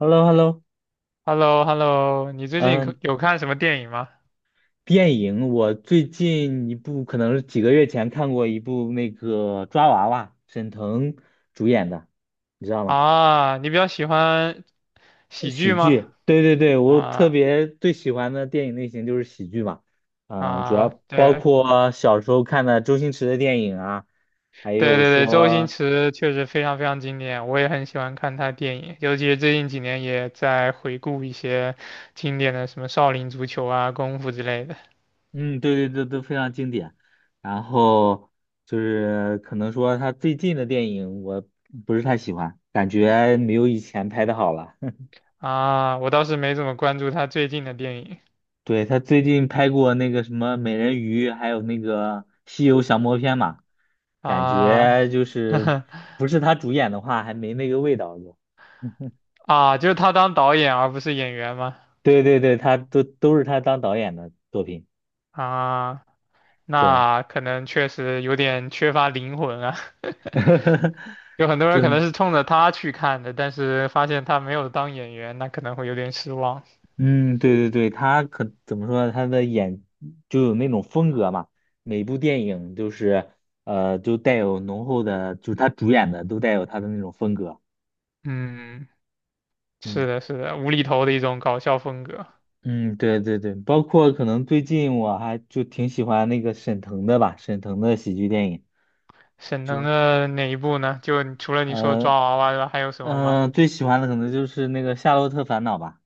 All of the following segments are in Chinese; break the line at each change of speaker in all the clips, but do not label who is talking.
Hello,Hello,
h e l l o h e l l o 你最近可
嗯，
有看什么电影吗？
电影我最近一部可能是几个月前看过一部那个抓娃娃，沈腾主演的，你知道吗？
啊，你比较喜欢喜
喜
剧吗？
剧，对对对，我特
啊
别最喜欢的电影类型就是喜剧嘛。主
啊，
要包
对
括小时候看的周星驰的电影啊，还
对
有
对对，周星
说
驰确实非常非常经典，我也很喜欢看他电影，尤其是最近几年也在回顾一些经典的什么《少林足球》啊、《功夫》之类的。
嗯，对对对，都非常经典。然后就是可能说他最近的电影我不是太喜欢，感觉没有以前拍的好了。
啊，我倒是没怎么关注他最近的电影
对，他最近拍过那个什么美人鱼，还有那个西游降魔篇嘛，感
啊。
觉就是 不是他主演的话，还没那个味道就
啊，就是他当导演而不是演员吗？
对对对，他都是他当导演的作品。
啊。
对，
那可能确实有点缺乏灵魂啊。有很多人
对，
可能是冲着他去看的，但是发现他没有当演员，那可能会有点失望。
嗯，对对对，他可怎么说呢？他的演就有那种风格嘛，每部电影就是就带有浓厚的，就是他主演的都带有他的那种风格。
嗯，
嗯
是的，是的，无厘头的一种搞笑风格。
嗯，对对对，包括可能最近我还就挺喜欢那个沈腾的吧，沈腾的喜剧电影，
沈腾
就
的哪一部呢？就除了你说抓
呃
娃娃之外，还有什么吗？
最喜欢的可能就是那个《夏洛特烦恼》吧。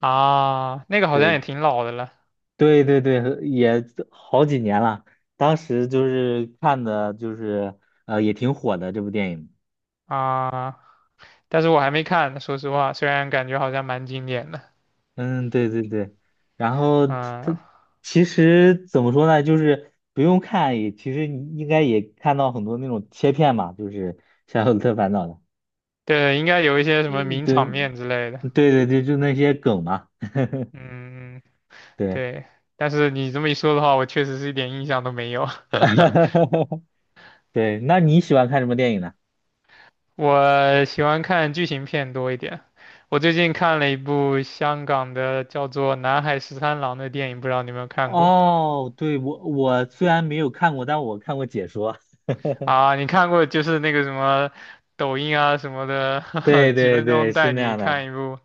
啊，那个好像
对，
也挺老的了。
对对对，也好几年了。当时就是看的，就是也挺火的这部电影。
啊，但是我还没看呢，说实话，虽然感觉好像蛮经典的。
嗯，对对对。然后它
嗯，
其实怎么说呢，就是不用看也，其实你应该也看到很多那种切片嘛，就是《夏洛特烦恼》的。
对，应该有一些什么
嗯
名
对
场面之类的。
对对对，就那些梗嘛。
嗯。
对，
对，但是你这么一说的话，我确实是一点印象都没有。
对。那你喜欢看什么电影呢？
我喜欢看剧情片多一点。我最近看了一部香港的叫做《南海十三郎》的电影，不知道你有没有看过。
哦，对，我虽然没有看过，但我看过解说。
啊？你看过就是那个什么抖音啊什么的，
对
几
对
分
对，
钟
是
带
那
你
样的。
看一部。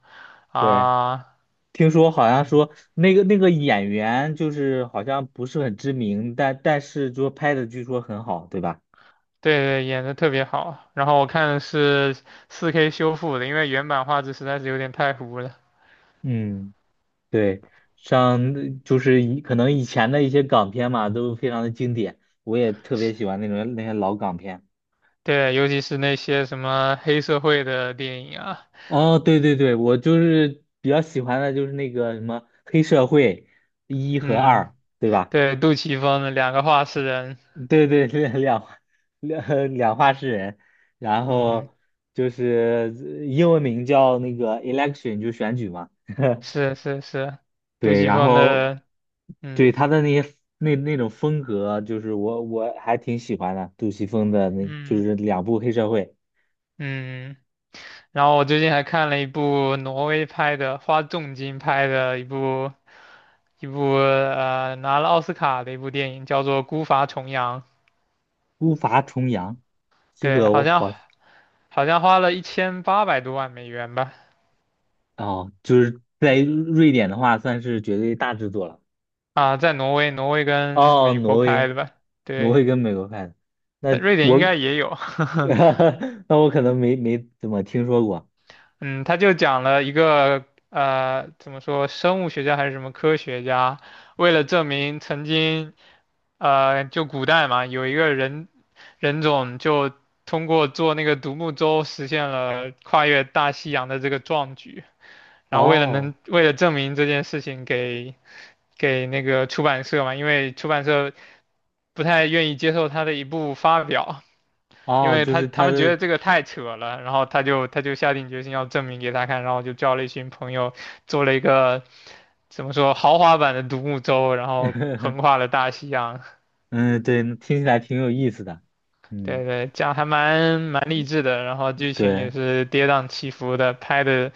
对，
啊？
听说好像说那个演员就是好像不是很知名，但是就拍的据说很好，对吧？
对对，演的特别好。然后我看的是4K 修复的，因为原版画质实在是有点太糊了。
嗯，对，像就是可能以前的一些港片嘛，都非常的经典，我也特别喜欢那些老港片。
对，尤其是那些什么黑社会的电影啊。
哦，对对对，我就是比较喜欢的就是那个什么黑社会一和
嗯，
二，对吧？
对，杜琪峰的两个画室人，
对对，两话诗人，然
嗯，
后就是英文名叫那个 election，就选举嘛。
是是是，杜
对，
琪
然
峰
后
的，
对
嗯
他的那些那种风格，就是我还挺喜欢的，杜琪峰的那就
嗯
是两部黑社会
嗯，然后我最近还看了一部挪威拍的，花重金拍的一部拿了奥斯卡的一部电影，叫做《孤筏重洋》，
《孤筏重洋》，这
对，
个我
好像
好
好像花了1800多万美元吧，
哦，就是在
嗯。
瑞典的话算是绝对大制作了。
啊，在挪威，挪威跟
哦，
美
挪
国拍
威，
的吧，
挪威
对，
跟美国看的，
但
那
瑞典应
我，
该也有。
那我可能没怎么听说过。
嗯，他就讲了一个怎么说，生物学家还是什么科学家，为了证明曾经，就古代嘛，有一个人人种就通过做那个独木舟实现了跨越大西洋的这个壮举，然后
哦
为了证明这件事情给那个出版社嘛，因为出版社不太愿意接受他的一部发表，因
哦，
为
就
他
是
他
他
们觉
的，
得这个太扯了，然后他就下定决心要证明给他看，然后就叫了一群朋友做了一个怎么说豪华版的独木舟，然后 横跨了大西洋。
嗯，对，听起来挺有意思的。嗯，
对对，这样还蛮励志的，然后剧情
对，
也是跌宕起伏的，拍的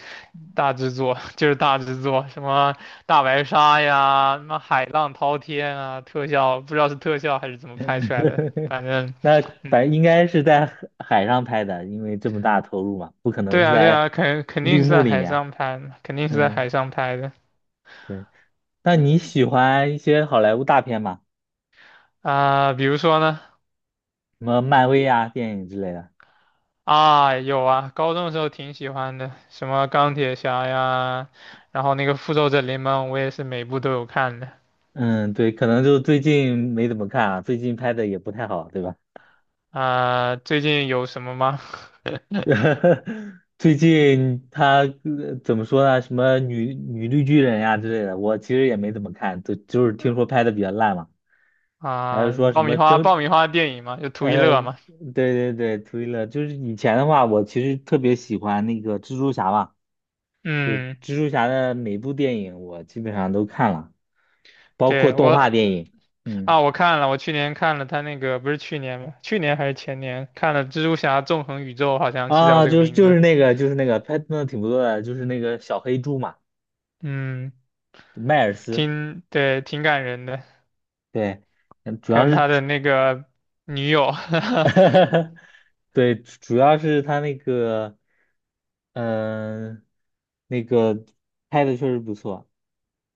大制作。 就是大制作，什么大白鲨呀，什么海浪滔天啊，特效不知道是特效还是怎么拍出来的，反正
那反正应该是在海上拍的，因为这么大投入嘛，不可能
对
是
啊对
在
啊，肯定
绿
是
幕
在
里
海
面。
上拍的，肯定是在
嗯，
海上拍的。
对。那你喜欢一些好莱坞大片吗？
啊、比如说呢？
什么漫威啊，电影之类的？
啊，有啊，高中的时候挺喜欢的，什么钢铁侠呀，然后那个复仇者联盟，我也是每部都有看的。
嗯，对，可能就最近没怎么看啊，最近拍的也不太好，对吧？
啊、最近有什么吗？
最近他怎么说呢？什么女绿巨人呀之类的，我其实也没怎么看，就是听说拍的比较烂嘛。还是
啊、
说什
爆米
么
花，爆
争，
米花电影嘛，就图一乐嘛。
对对对，推了。就是以前的话，我其实特别喜欢那个蜘蛛侠嘛，就
嗯，
蜘蛛侠的每部电影我基本上都看了，包括
对，
动画
我
电影。嗯。
啊，我看了，我去年看了他那个，不是去年吗？去年还是前年看了《蜘蛛侠：纵横宇宙》，好像是叫
啊，
这个名字。
就是那个拍的挺不错的，就是那个小黑猪嘛，
嗯，
迈尔斯，
挺，对，挺感人的，
对，嗯主要
跟
是，
他的那个女友。
对，主要是他那个，嗯、那个拍的确实不错，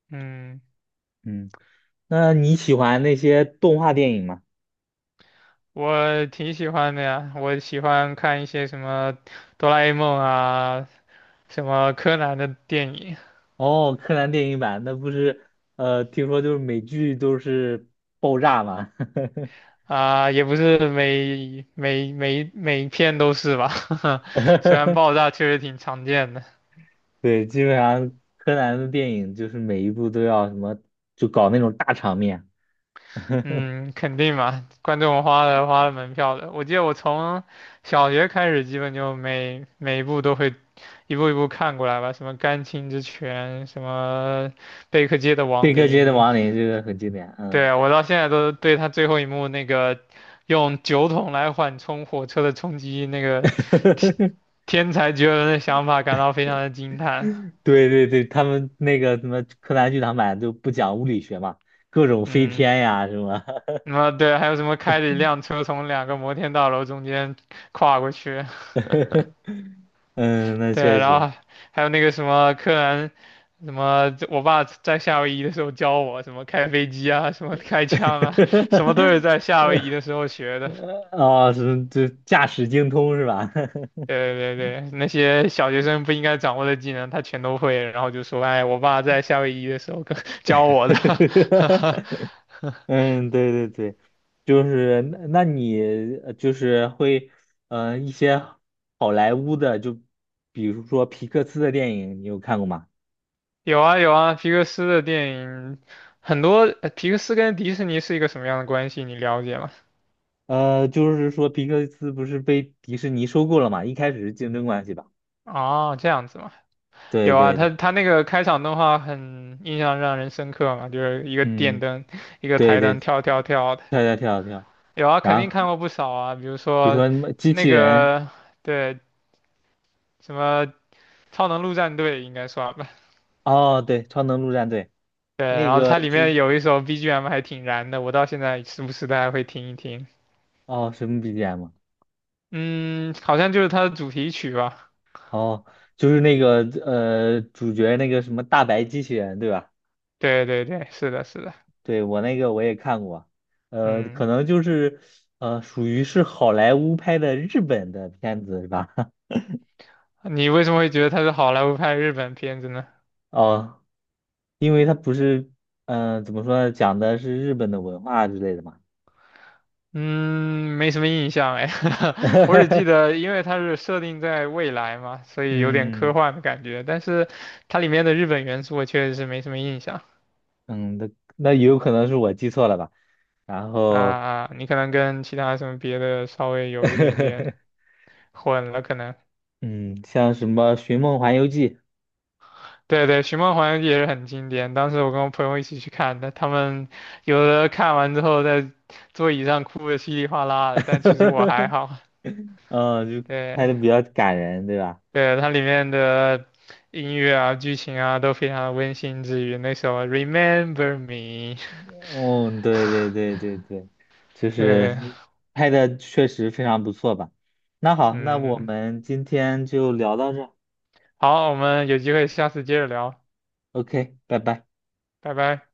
嗯，
嗯，那你喜欢那些动画电影吗？
我挺喜欢的呀，我喜欢看一些什么哆啦 A 梦啊，什么柯南的电影。
哦，柯南电影版，那不是，听说就是美剧都是爆炸嘛。
啊，也不是每一篇都是吧，虽然爆 炸确实挺常见的，
对，基本上柯南的电影就是每一部都要什么，就搞那种大场面。
嗯，肯定嘛，观众花了门票的，我记得我从小学开始，基本就每一部都会一步一步看过来吧，什么《甘青之拳》，什么《贝克街的
贝
亡
克街的
灵》。
亡灵这个很经典，
对
嗯，
啊，我到现在都对他最后一幕那个用酒桶来缓冲火车的冲击那个天 天才绝伦的想法感到非常的惊叹。
对对对，他们那个什么柯南剧场版就不讲物理学嘛，各种飞
嗯，
天呀什么，
什么对，还有什么开着一辆车从两个摩天大楼中间跨过去？
嗯，那
对，
确
然
实，
后还有那个什么柯南，什么我爸在夏威夷的时候教我什么开飞机啊，什么开枪啊，什么都是在夏威夷的 时候学的。
哦，是就驾驶精通是吧？
对对对，那些小学生不应该掌握的技能，他全都会，然后就说：“哎，我爸在夏威夷的时候跟 教我的。
嗯，对对对，就是那那你就是会，一些好莱坞的，就比如说皮克斯的电影，你有看过吗？
有啊有啊，皮克斯的电影很多，呃皮克斯跟迪士尼是一个什么样的关系？你了解吗？
就是说皮克斯不是被迪士尼收购了嘛，一开始是竞争关系吧？
哦，这样子嘛，
对
有啊，
对对，
他那个开场动画很印象让人深刻嘛，就是一个电
嗯，
灯，一个
对
台
对，
灯跳跳跳的。
跳跳跳跳，
有啊，肯
然
定
后
看过不少啊，比如
比如
说
说什么机
那
器人，
个对什么超能陆战队应该算吧。
哦，对，超能陆战队
对，
那
然后
个
它里
就
面有一首 BGM 还挺燃的，我到现在时不时的还会听一听。
哦什么 BGM 啊
嗯，好像就是它的主题曲吧。
哦，就是那个主角那个什么大白机器人对吧？
对对对，是的，是的。
对，我那个我也看过，可
嗯，
能就是属于是好莱坞拍的日本的片子是吧？
你为什么会觉得它是好莱坞拍日本片子呢？
哦，因为它不是，嗯、怎么说呢，讲的是日本的文化之类的嘛。
嗯，没什么印象哎。我只记 得因为它是设定在未来嘛，所以有点科
嗯
幻的感觉。但是它里面的日本元素我确实是没什么印象
嗯，那也有可能是我记错了吧？然
啊。
后，
啊，你可能跟其他什么别的稍微有一点点 混了，可能。
嗯，像什么《寻梦环游记》
对对，《寻梦环游记》也是很经典。当时我跟我朋友一起去看的，他们有的看完之后在座椅上哭的稀里哗啦的，但其实我还好。
嗯，就拍
对
的比较感人，对吧？
对，它里面的音乐啊、剧情啊都非常的温馨治愈。那首《Remember Me》，
哦，对对对对对，就
对，
是拍的确实非常不错吧。那好，那我
嗯，
们今天就聊到这
好，我们有机会下次接着聊，
o k 拜拜。
拜拜。